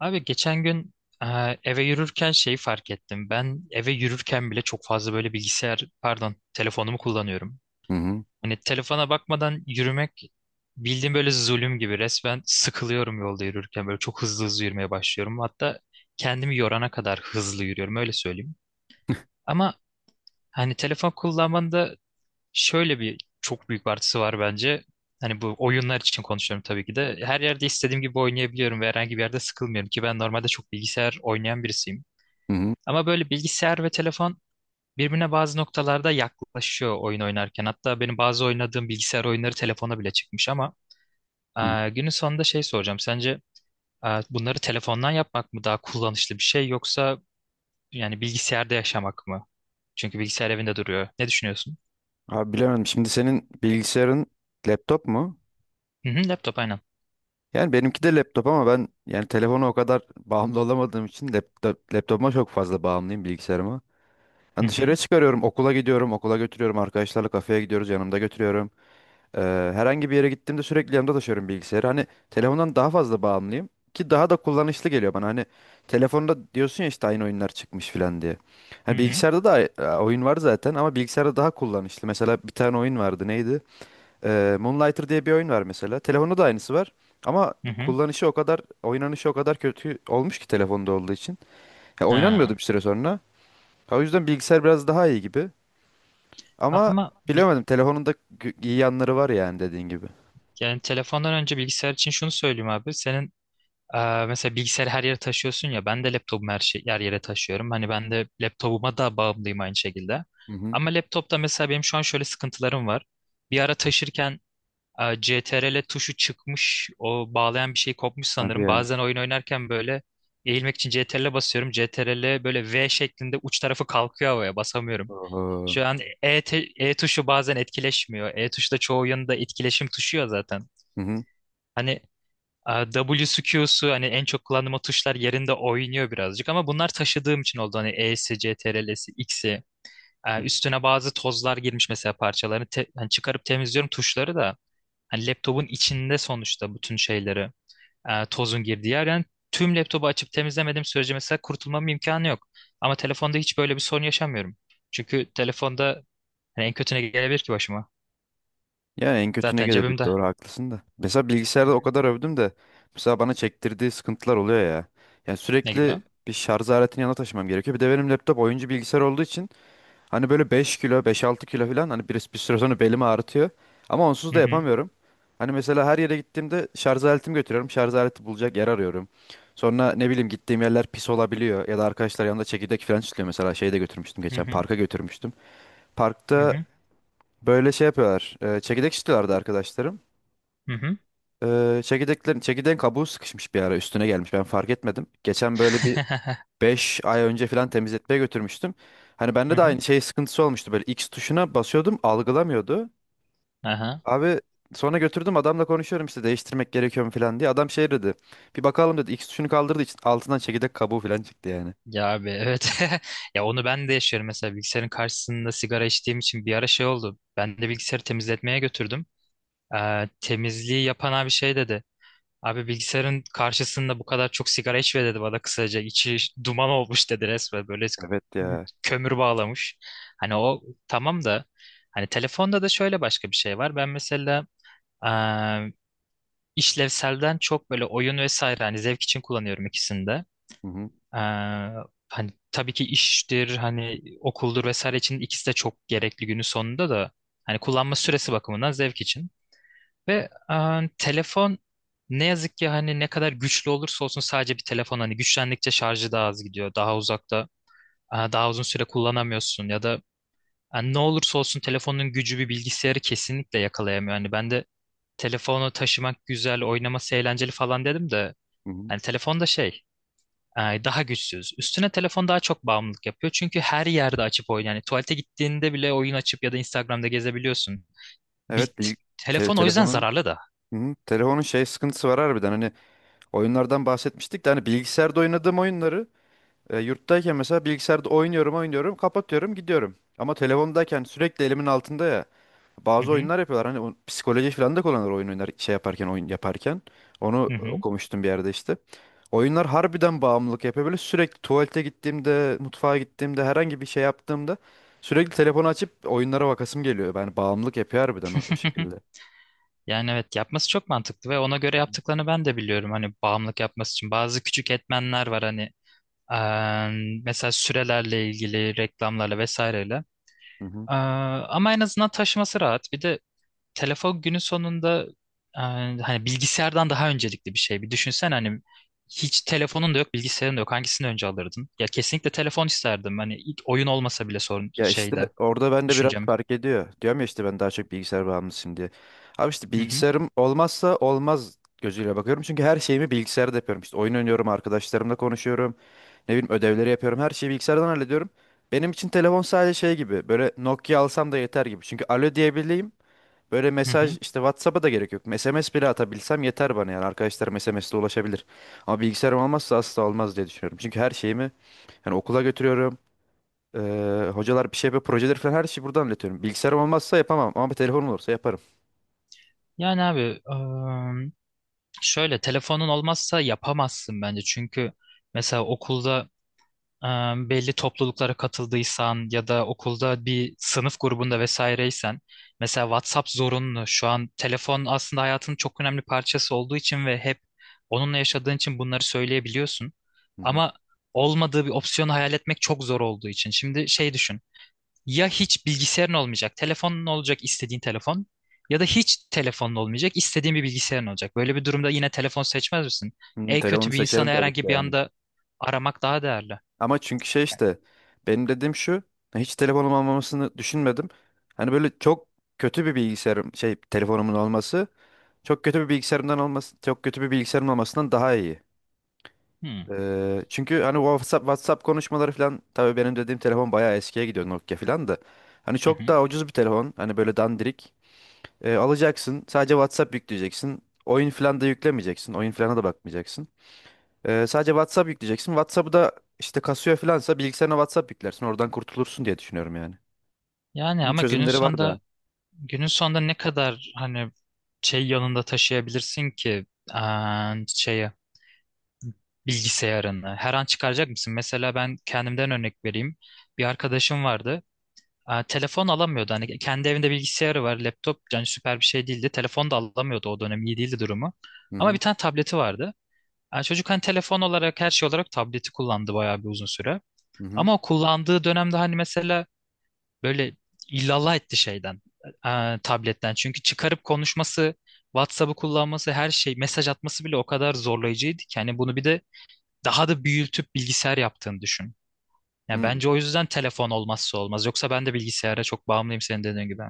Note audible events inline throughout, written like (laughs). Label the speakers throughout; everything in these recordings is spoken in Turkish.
Speaker 1: Abi geçen gün e, eve yürürken şeyi fark ettim. Ben eve yürürken bile çok fazla böyle bilgisayar, pardon, telefonumu kullanıyorum.
Speaker 2: Hı hı.
Speaker 1: Hani telefona bakmadan yürümek bildiğim böyle zulüm gibi. Resmen sıkılıyorum yolda yürürken. Böyle çok hızlı hızlı yürümeye başlıyorum. Hatta kendimi yorana kadar hızlı yürüyorum öyle söyleyeyim. Ama hani telefon kullanmanın da şöyle bir çok büyük bir artısı var bence. Hani bu oyunlar için konuşuyorum tabii ki de. Her yerde istediğim gibi oynayabiliyorum ve herhangi bir yerde sıkılmıyorum ki ben normalde çok bilgisayar oynayan birisiyim.
Speaker 2: Hı hı.
Speaker 1: Ama böyle bilgisayar ve telefon birbirine bazı noktalarda yaklaşıyor oyun oynarken. Hatta benim bazı oynadığım bilgisayar oyunları telefona bile çıkmış ama
Speaker 2: Hı hı.
Speaker 1: günün sonunda şey soracağım. Sence bunları telefondan yapmak mı daha kullanışlı bir şey yoksa yani bilgisayarda yaşamak mı? Çünkü bilgisayar evinde duruyor. Ne düşünüyorsun?
Speaker 2: Abi bilemedim. Şimdi senin bilgisayarın laptop mu?
Speaker 1: Hı hı, laptop aynen.
Speaker 2: Yani benimki de laptop ama ben yani telefona o kadar (laughs) bağımlı olamadığım için laptopuma çok fazla bağımlıyım bilgisayarıma. Yani
Speaker 1: Hı hı,
Speaker 2: dışarıya çıkarıyorum, okula gidiyorum, okula götürüyorum, arkadaşlarla kafeye gidiyoruz, yanımda götürüyorum. Eee, herhangi bir yere gittiğimde sürekli yanımda taşıyorum bilgisayarı. Hani telefondan daha fazla bağımlıyım ki daha da kullanışlı geliyor bana. Hani telefonda diyorsun ya işte aynı oyunlar çıkmış filan diye.
Speaker 1: hı
Speaker 2: Hani
Speaker 1: hı.
Speaker 2: bilgisayarda da oyun var zaten ama bilgisayarda daha kullanışlı. Mesela bir tane oyun vardı neydi? Moonlighter diye bir oyun var mesela. Telefonda da aynısı var. Ama
Speaker 1: Hı hı.
Speaker 2: kullanışı o kadar, oynanışı o kadar kötü olmuş ki telefonda olduğu için. Ya
Speaker 1: Ha.
Speaker 2: oynanmıyordu bir süre sonra. O yüzden bilgisayar biraz daha iyi gibi. Ama
Speaker 1: Ama bil-
Speaker 2: bilemedim. Telefonun da iyi yanları var yani dediğin gibi.
Speaker 1: Yani telefondan önce bilgisayar için şunu söyleyeyim abi. Senin mesela bilgisayarı her yere taşıyorsun ya. Ben de laptopumu her şey her yere taşıyorum. Hani ben de laptopuma da bağımlıyım aynı şekilde. Ama laptopta mesela benim şu an şöyle sıkıntılarım var. Bir ara taşırken CTRL tuşu çıkmış. O bağlayan bir şey kopmuş
Speaker 2: Hadi
Speaker 1: sanırım.
Speaker 2: ya.
Speaker 1: Bazen oyun oynarken böyle eğilmek için CTRL basıyorum. CTRL böyle V şeklinde uç tarafı kalkıyor havaya basamıyorum.
Speaker 2: Oho.
Speaker 1: Şu an E tuşu bazen etkileşmiyor. E tuşu da çoğu oyunda etkileşim tuşu ya zaten.
Speaker 2: Hı hı.
Speaker 1: Hani W'su Q'su hani en çok kullandığım o tuşlar yerinde oynuyor birazcık ama bunlar taşıdığım için oldu. Hani E'si, CTRL'si, X'i.
Speaker 2: Hı hı.
Speaker 1: Üstüne bazı tozlar girmiş mesela hani çıkarıp temizliyorum tuşları da. Hani laptopun içinde sonuçta bütün şeyleri tozun girdiği yer. Yani tüm laptopu açıp temizlemediğim sürece mesela kurtulmam imkanı yok. Ama telefonda hiç böyle bir sorun yaşamıyorum. Çünkü telefonda hani en kötü ne gelebilir ki başıma?
Speaker 2: Ya en kötü ne
Speaker 1: Zaten
Speaker 2: gelebilir?
Speaker 1: cebimde.
Speaker 2: Doğru haklısın da. Mesela
Speaker 1: Hı
Speaker 2: bilgisayarda o
Speaker 1: hı.
Speaker 2: kadar övdüm de mesela bana çektirdiği sıkıntılar oluyor ya. Yani
Speaker 1: Ne
Speaker 2: sürekli
Speaker 1: gibi?
Speaker 2: bir şarj aletini yanına taşımam gerekiyor. Bir de benim laptop oyuncu bilgisayar olduğu için hani böyle 5 kilo, beş altı kilo falan hani bir süre sonra belimi ağrıtıyor. Ama onsuz
Speaker 1: Hı
Speaker 2: da
Speaker 1: hı.
Speaker 2: yapamıyorum. Hani mesela her yere gittiğimde şarj aletimi götürüyorum. Şarj aleti bulacak yer arıyorum. Sonra ne bileyim gittiğim yerler pis olabiliyor ya da arkadaşlar yanında çekirdek falan çıkıyor mesela şeyi de götürmüştüm
Speaker 1: Hı
Speaker 2: geçen
Speaker 1: hı.
Speaker 2: parka götürmüştüm.
Speaker 1: Hı
Speaker 2: Parkta
Speaker 1: hı.
Speaker 2: böyle şey yapıyorlar. Çekirdek istiyorlardı arkadaşlarım.
Speaker 1: Hı hı.
Speaker 2: Çekirdeğin kabuğu sıkışmış bir ara üstüne gelmiş. Ben fark etmedim. Geçen böyle bir
Speaker 1: (laughs)
Speaker 2: 5 ay önce falan temizletmeye götürmüştüm. Hani
Speaker 1: Hı
Speaker 2: bende de
Speaker 1: hı.
Speaker 2: aynı şey sıkıntısı olmuştu. Böyle X tuşuna basıyordum algılamıyordu.
Speaker 1: Aha.
Speaker 2: Abi sonra götürdüm adamla konuşuyorum işte değiştirmek gerekiyor mu falan diye. Adam şey dedi. Bir bakalım dedi. X tuşunu kaldırdığı için altından çekirdek kabuğu falan çıktı yani.
Speaker 1: Ya abi evet. (laughs) Ya onu ben de yaşıyorum mesela bilgisayarın karşısında sigara içtiğim için bir ara şey oldu. Ben de bilgisayarı temizletmeye götürdüm. Temizliği yapan abi şey dedi. Abi bilgisayarın karşısında bu kadar çok sigara içme dedi bana kısaca. İçi duman olmuş dedi resmen böyle
Speaker 2: Evet ya.
Speaker 1: kömür bağlamış. Hani o tamam da hani telefonda da şöyle başka bir şey var. Ben mesela işlevselden çok böyle oyun vesaire hani zevk için kullanıyorum ikisini de.
Speaker 2: Hı hı.
Speaker 1: Ee, hani tabii ki iştir hani okuldur vesaire için ikisi de çok gerekli günün sonunda da hani kullanma süresi bakımından zevk için. Ve telefon ne yazık ki hani ne kadar güçlü olursa olsun sadece bir telefon hani güçlendikçe şarjı daha az gidiyor. Daha uzakta daha uzun süre kullanamıyorsun ya da yani ne olursa olsun telefonun gücü bir bilgisayarı kesinlikle yakalayamıyor. Hani ben de telefonu taşımak güzel, oynaması eğlenceli falan dedim de
Speaker 2: Hı hı.
Speaker 1: hani telefonda şey daha güçsüz. Üstüne telefon daha çok bağımlılık yapıyor. Çünkü her yerde açıp oyun. Yani tuvalete gittiğinde bile oyun açıp ya da Instagram'da gezebiliyorsun.
Speaker 2: Evet, büyük
Speaker 1: Telefon o yüzden
Speaker 2: telefonun.
Speaker 1: zararlı da.
Speaker 2: Hı. Telefonun şey sıkıntısı var harbiden. Hani oyunlardan bahsetmiştik de hani bilgisayarda oynadığım oyunları yurttayken mesela bilgisayarda oynuyorum oynuyorum kapatıyorum gidiyorum. Ama telefondayken sürekli elimin altında ya
Speaker 1: Hı
Speaker 2: bazı
Speaker 1: hı,
Speaker 2: oyunlar yapıyorlar hani o psikoloji falan da kullanır oyun oynar şey yaparken oyun yaparken. Onu
Speaker 1: hı hı.
Speaker 2: okumuştum bir yerde işte. Oyunlar harbiden bağımlılık yapıyor böyle sürekli tuvalete gittiğimde mutfağa gittiğimde herhangi bir şey yaptığımda sürekli telefonu açıp oyunlara bakasım geliyor. Yani bağımlılık yapıyor harbiden o şekilde.
Speaker 1: (laughs) Yani evet yapması çok mantıklı ve ona göre yaptıklarını ben de biliyorum. Hani bağımlılık yapması için bazı küçük etmenler var hani mesela sürelerle ilgili, reklamlarla vesaireyle.
Speaker 2: Hı hı.
Speaker 1: Eee, ama en azından taşıması rahat. Bir de telefon günün sonunda hani bilgisayardan daha öncelikli bir şey. Bir düşünsen hani hiç telefonun da yok, bilgisayarın da yok. Hangisini önce alırdın? Ya kesinlikle telefon isterdim. Hani ilk oyun olmasa bile sorun
Speaker 2: Ya işte
Speaker 1: şeyde
Speaker 2: orada ben de biraz
Speaker 1: düşüncem.
Speaker 2: fark ediyor. Diyorum ya işte ben daha çok bilgisayar bağımlısıyım diye. Abi işte
Speaker 1: Hı hı.
Speaker 2: bilgisayarım olmazsa olmaz gözüyle bakıyorum. Çünkü her şeyimi bilgisayarda yapıyorum. İşte oyun oynuyorum, arkadaşlarımla konuşuyorum. Ne bileyim ödevleri yapıyorum. Her şeyi bilgisayardan hallediyorum. Benim için telefon sadece şey gibi. Böyle Nokia alsam da yeter gibi. Çünkü alo diyebileyim. Böyle
Speaker 1: Hı
Speaker 2: mesaj
Speaker 1: hı.
Speaker 2: işte WhatsApp'a da gerek yok. SMS bile atabilsem yeter bana yani. Arkadaşlarım SMS'le ulaşabilir. Ama bilgisayarım olmazsa asla olmaz diye düşünüyorum. Çünkü her şeyimi yani okula götürüyorum. Hocalar bir şey yapıyor, projeleri falan her şeyi buradan anlatıyorum. Bilgisayarım olmazsa yapamam ama bir telefonum olursa yaparım.
Speaker 1: Yani abi eee, şöyle telefonun olmazsa yapamazsın bence. Çünkü mesela okulda e, belli topluluklara katıldıysan ya da okulda bir sınıf grubunda vesaireysen mesela WhatsApp zorunlu. Şu an telefon aslında hayatının çok önemli parçası olduğu için ve hep onunla yaşadığın için bunları söyleyebiliyorsun.
Speaker 2: Hı hı.
Speaker 1: Ama olmadığı bir opsiyonu hayal etmek çok zor olduğu için. Şimdi şey düşün. Ya hiç bilgisayarın olmayacak, telefonun olacak istediğin telefon ya da hiç telefonun olmayacak, istediğin bir bilgisayarın olacak. Böyle bir durumda yine telefon seçmez misin?
Speaker 2: Hı,
Speaker 1: En
Speaker 2: telefonu
Speaker 1: kötü bir
Speaker 2: seçerim
Speaker 1: insanı
Speaker 2: tabii ki de
Speaker 1: herhangi bir
Speaker 2: yani.
Speaker 1: anda aramak daha değerli.
Speaker 2: Ama çünkü şey işte benim dediğim şu hiç telefonum olmamasını düşünmedim. Hani böyle çok kötü bir bilgisayarım şey telefonumun olması çok kötü bir bilgisayarımdan olması çok kötü bir bilgisayarım olmasından daha iyi.
Speaker 1: Hmm.
Speaker 2: Çünkü hani WhatsApp konuşmaları falan tabii benim dediğim telefon bayağı eskiye gidiyor Nokia falan da. Hani
Speaker 1: Hı
Speaker 2: çok
Speaker 1: hı.
Speaker 2: daha ucuz bir telefon. Hani böyle dandirik. Alacaksın. Sadece WhatsApp yükleyeceksin. Oyun falan da yüklemeyeceksin. Oyun falan da bakmayacaksın. Sadece WhatsApp yükleyeceksin. WhatsApp'ı da işte kasıyor falansa bilgisayarına WhatsApp yüklersin. Oradan kurtulursun diye düşünüyorum yani.
Speaker 1: Yani
Speaker 2: Bunun
Speaker 1: ama
Speaker 2: çözümleri var da.
Speaker 1: günün sonunda ne kadar hani şey yanında taşıyabilirsin ki aa, şeye bilgisayarını her an çıkaracak mısın? Mesela ben kendimden örnek vereyim. Bir arkadaşım vardı. Aa, telefon alamıyordu. Hani kendi evinde bilgisayarı var, laptop yani süper bir şey değildi. Telefon da alamıyordu o dönem iyi değildi durumu.
Speaker 2: Hı
Speaker 1: Ama bir
Speaker 2: hı.
Speaker 1: tane tableti vardı. Yani çocuk hani telefon olarak her şey olarak tableti kullandı bayağı bir uzun süre.
Speaker 2: Hı hı.
Speaker 1: Ama o kullandığı dönemde hani mesela böyle illallah etti şeyden, tabletten. Çünkü çıkarıp konuşması, WhatsApp'ı kullanması, her şey, mesaj atması bile o kadar zorlayıcıydı ki. Yani bunu bir de daha da büyütüp bilgisayar yaptığını düşün. Yani
Speaker 2: Hı.
Speaker 1: bence o yüzden telefon olmazsa olmaz. Yoksa ben de bilgisayara çok bağımlıyım senin dediğin gibi.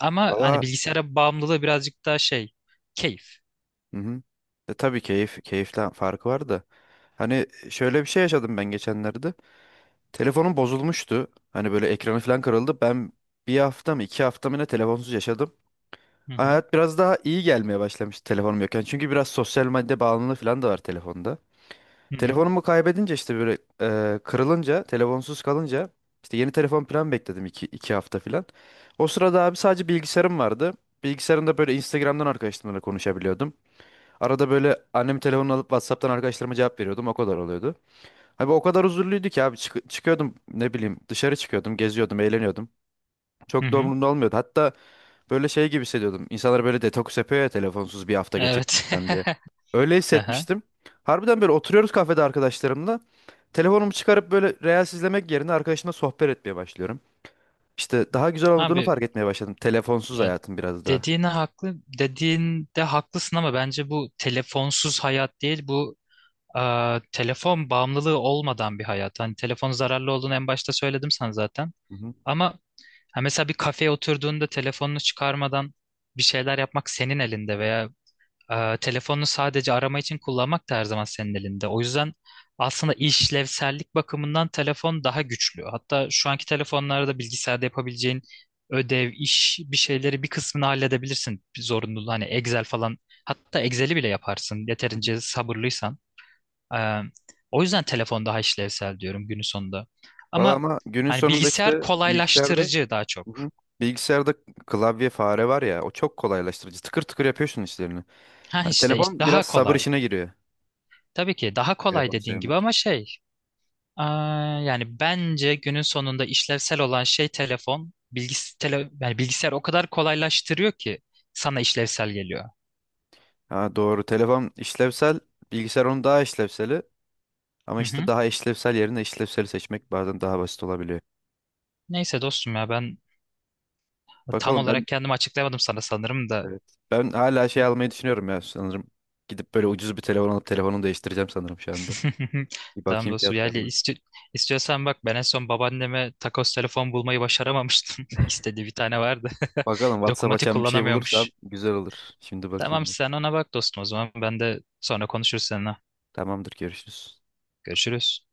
Speaker 1: Ama hani
Speaker 2: Valla.
Speaker 1: bilgisayara bağımlılığı birazcık daha şey, keyif.
Speaker 2: Hı hı. Tabii keyiften farkı var da. Hani şöyle bir şey yaşadım ben geçenlerde. Telefonum bozulmuştu. Hani böyle ekranı falan kırıldı. Ben bir hafta mı iki hafta mı ne telefonsuz yaşadım.
Speaker 1: Hı hı.
Speaker 2: Hayat biraz daha iyi gelmeye başlamış telefonum yokken. Çünkü biraz sosyal medya bağımlılığı falan da var telefonda.
Speaker 1: Hı hı.
Speaker 2: Telefonumu kaybedince işte böyle kırılınca, telefonsuz kalınca işte yeni telefon plan bekledim iki hafta falan. O sırada abi sadece bilgisayarım vardı. Bilgisayarımda böyle Instagram'dan arkadaşlarımla konuşabiliyordum. Arada böyle annem telefonunu alıp WhatsApp'tan arkadaşlarıma cevap veriyordum. O kadar oluyordu. Abi o kadar huzurluydu ki abi çıkıyordum ne bileyim dışarı çıkıyordum, geziyordum, eğleniyordum. Çok
Speaker 1: Evet.
Speaker 2: da
Speaker 1: Hı hı.
Speaker 2: umurumda olmuyordu. Hatta böyle şey gibi hissediyordum. İnsanlar böyle detoks yapıyor ya telefonsuz bir hafta
Speaker 1: Evet. (laughs)
Speaker 2: geçirmekten diye. Öyle
Speaker 1: Aha.
Speaker 2: hissetmiştim. Harbiden böyle oturuyoruz kafede arkadaşlarımla. Telefonumu çıkarıp böyle reels izlemek yerine arkadaşımla sohbet etmeye başlıyorum. İşte daha güzel olduğunu
Speaker 1: Abi
Speaker 2: fark etmeye başladım. Telefonsuz
Speaker 1: ya
Speaker 2: hayatım biraz daha.
Speaker 1: dediğine haklı dediğinde haklısın ama bence bu telefonsuz hayat değil bu e, telefon bağımlılığı olmadan bir hayat. Hani telefonun zararlı olduğunu en başta söyledim sana zaten.
Speaker 2: Hı hı.
Speaker 1: Ama ha, mesela bir kafeye oturduğunda telefonunu çıkarmadan bir şeyler yapmak senin elinde veya telefonunu sadece arama için kullanmak da her zaman senin elinde. O yüzden aslında işlevsellik bakımından telefon daha güçlü. Hatta şu anki telefonlarda bilgisayarda yapabileceğin ödev, iş bir şeyleri bir kısmını halledebilirsin. Bir zorunluluğu hani Excel falan. Hatta Excel'i bile yaparsın
Speaker 2: Hı hı.
Speaker 1: yeterince sabırlıysan. Ee, o yüzden telefon daha işlevsel diyorum günün sonunda.
Speaker 2: Valla
Speaker 1: Ama
Speaker 2: ama günün
Speaker 1: hani
Speaker 2: sonunda
Speaker 1: bilgisayar
Speaker 2: işte bilgisayarda.
Speaker 1: kolaylaştırıcı daha çok.
Speaker 2: Hı hı. Bilgisayarda klavye fare var ya o çok kolaylaştırıcı. Tıkır tıkır yapıyorsun işlerini.
Speaker 1: Ha
Speaker 2: Hani
Speaker 1: işte işte
Speaker 2: telefon biraz
Speaker 1: daha
Speaker 2: sabır
Speaker 1: kolay.
Speaker 2: işine giriyor.
Speaker 1: Tabii ki daha kolay
Speaker 2: Telefonu
Speaker 1: dediğin gibi ama
Speaker 2: sevmek.
Speaker 1: şey aa, yani bence günün sonunda işlevsel olan şey telefon. Yani bilgisayar o kadar kolaylaştırıyor ki sana işlevsel geliyor.
Speaker 2: Ha doğru. Telefon işlevsel, bilgisayar onun daha işlevseli. Ama
Speaker 1: Hı
Speaker 2: işte
Speaker 1: hı.
Speaker 2: daha işlevsel yerine işlevseli seçmek bazen daha basit olabiliyor.
Speaker 1: Neyse dostum ya ben tam
Speaker 2: Bakalım ben.
Speaker 1: olarak kendimi açıklayamadım sana sanırım da.
Speaker 2: Evet. Ben hala şey almayı düşünüyorum ya sanırım. Gidip böyle ucuz bir telefon alıp telefonumu değiştireceğim sanırım şu anda.
Speaker 1: (laughs)
Speaker 2: Bir
Speaker 1: Tamam
Speaker 2: bakayım
Speaker 1: dostum yani
Speaker 2: fiyatlarına.
Speaker 1: istiyorsan bak ben en son babaanneme takos telefon bulmayı başaramamıştım. (laughs) İstediği bir tane vardı.
Speaker 2: Bakalım
Speaker 1: (laughs)
Speaker 2: WhatsApp
Speaker 1: Dokunmatik
Speaker 2: açan bir şey bulursam
Speaker 1: kullanamıyormuş.
Speaker 2: güzel olur. Şimdi
Speaker 1: Tamam
Speaker 2: bakayım bir.
Speaker 1: sen ona bak dostum o zaman ben de sonra konuşuruz seninle.
Speaker 2: Tamamdır, görüşürüz.
Speaker 1: Görüşürüz.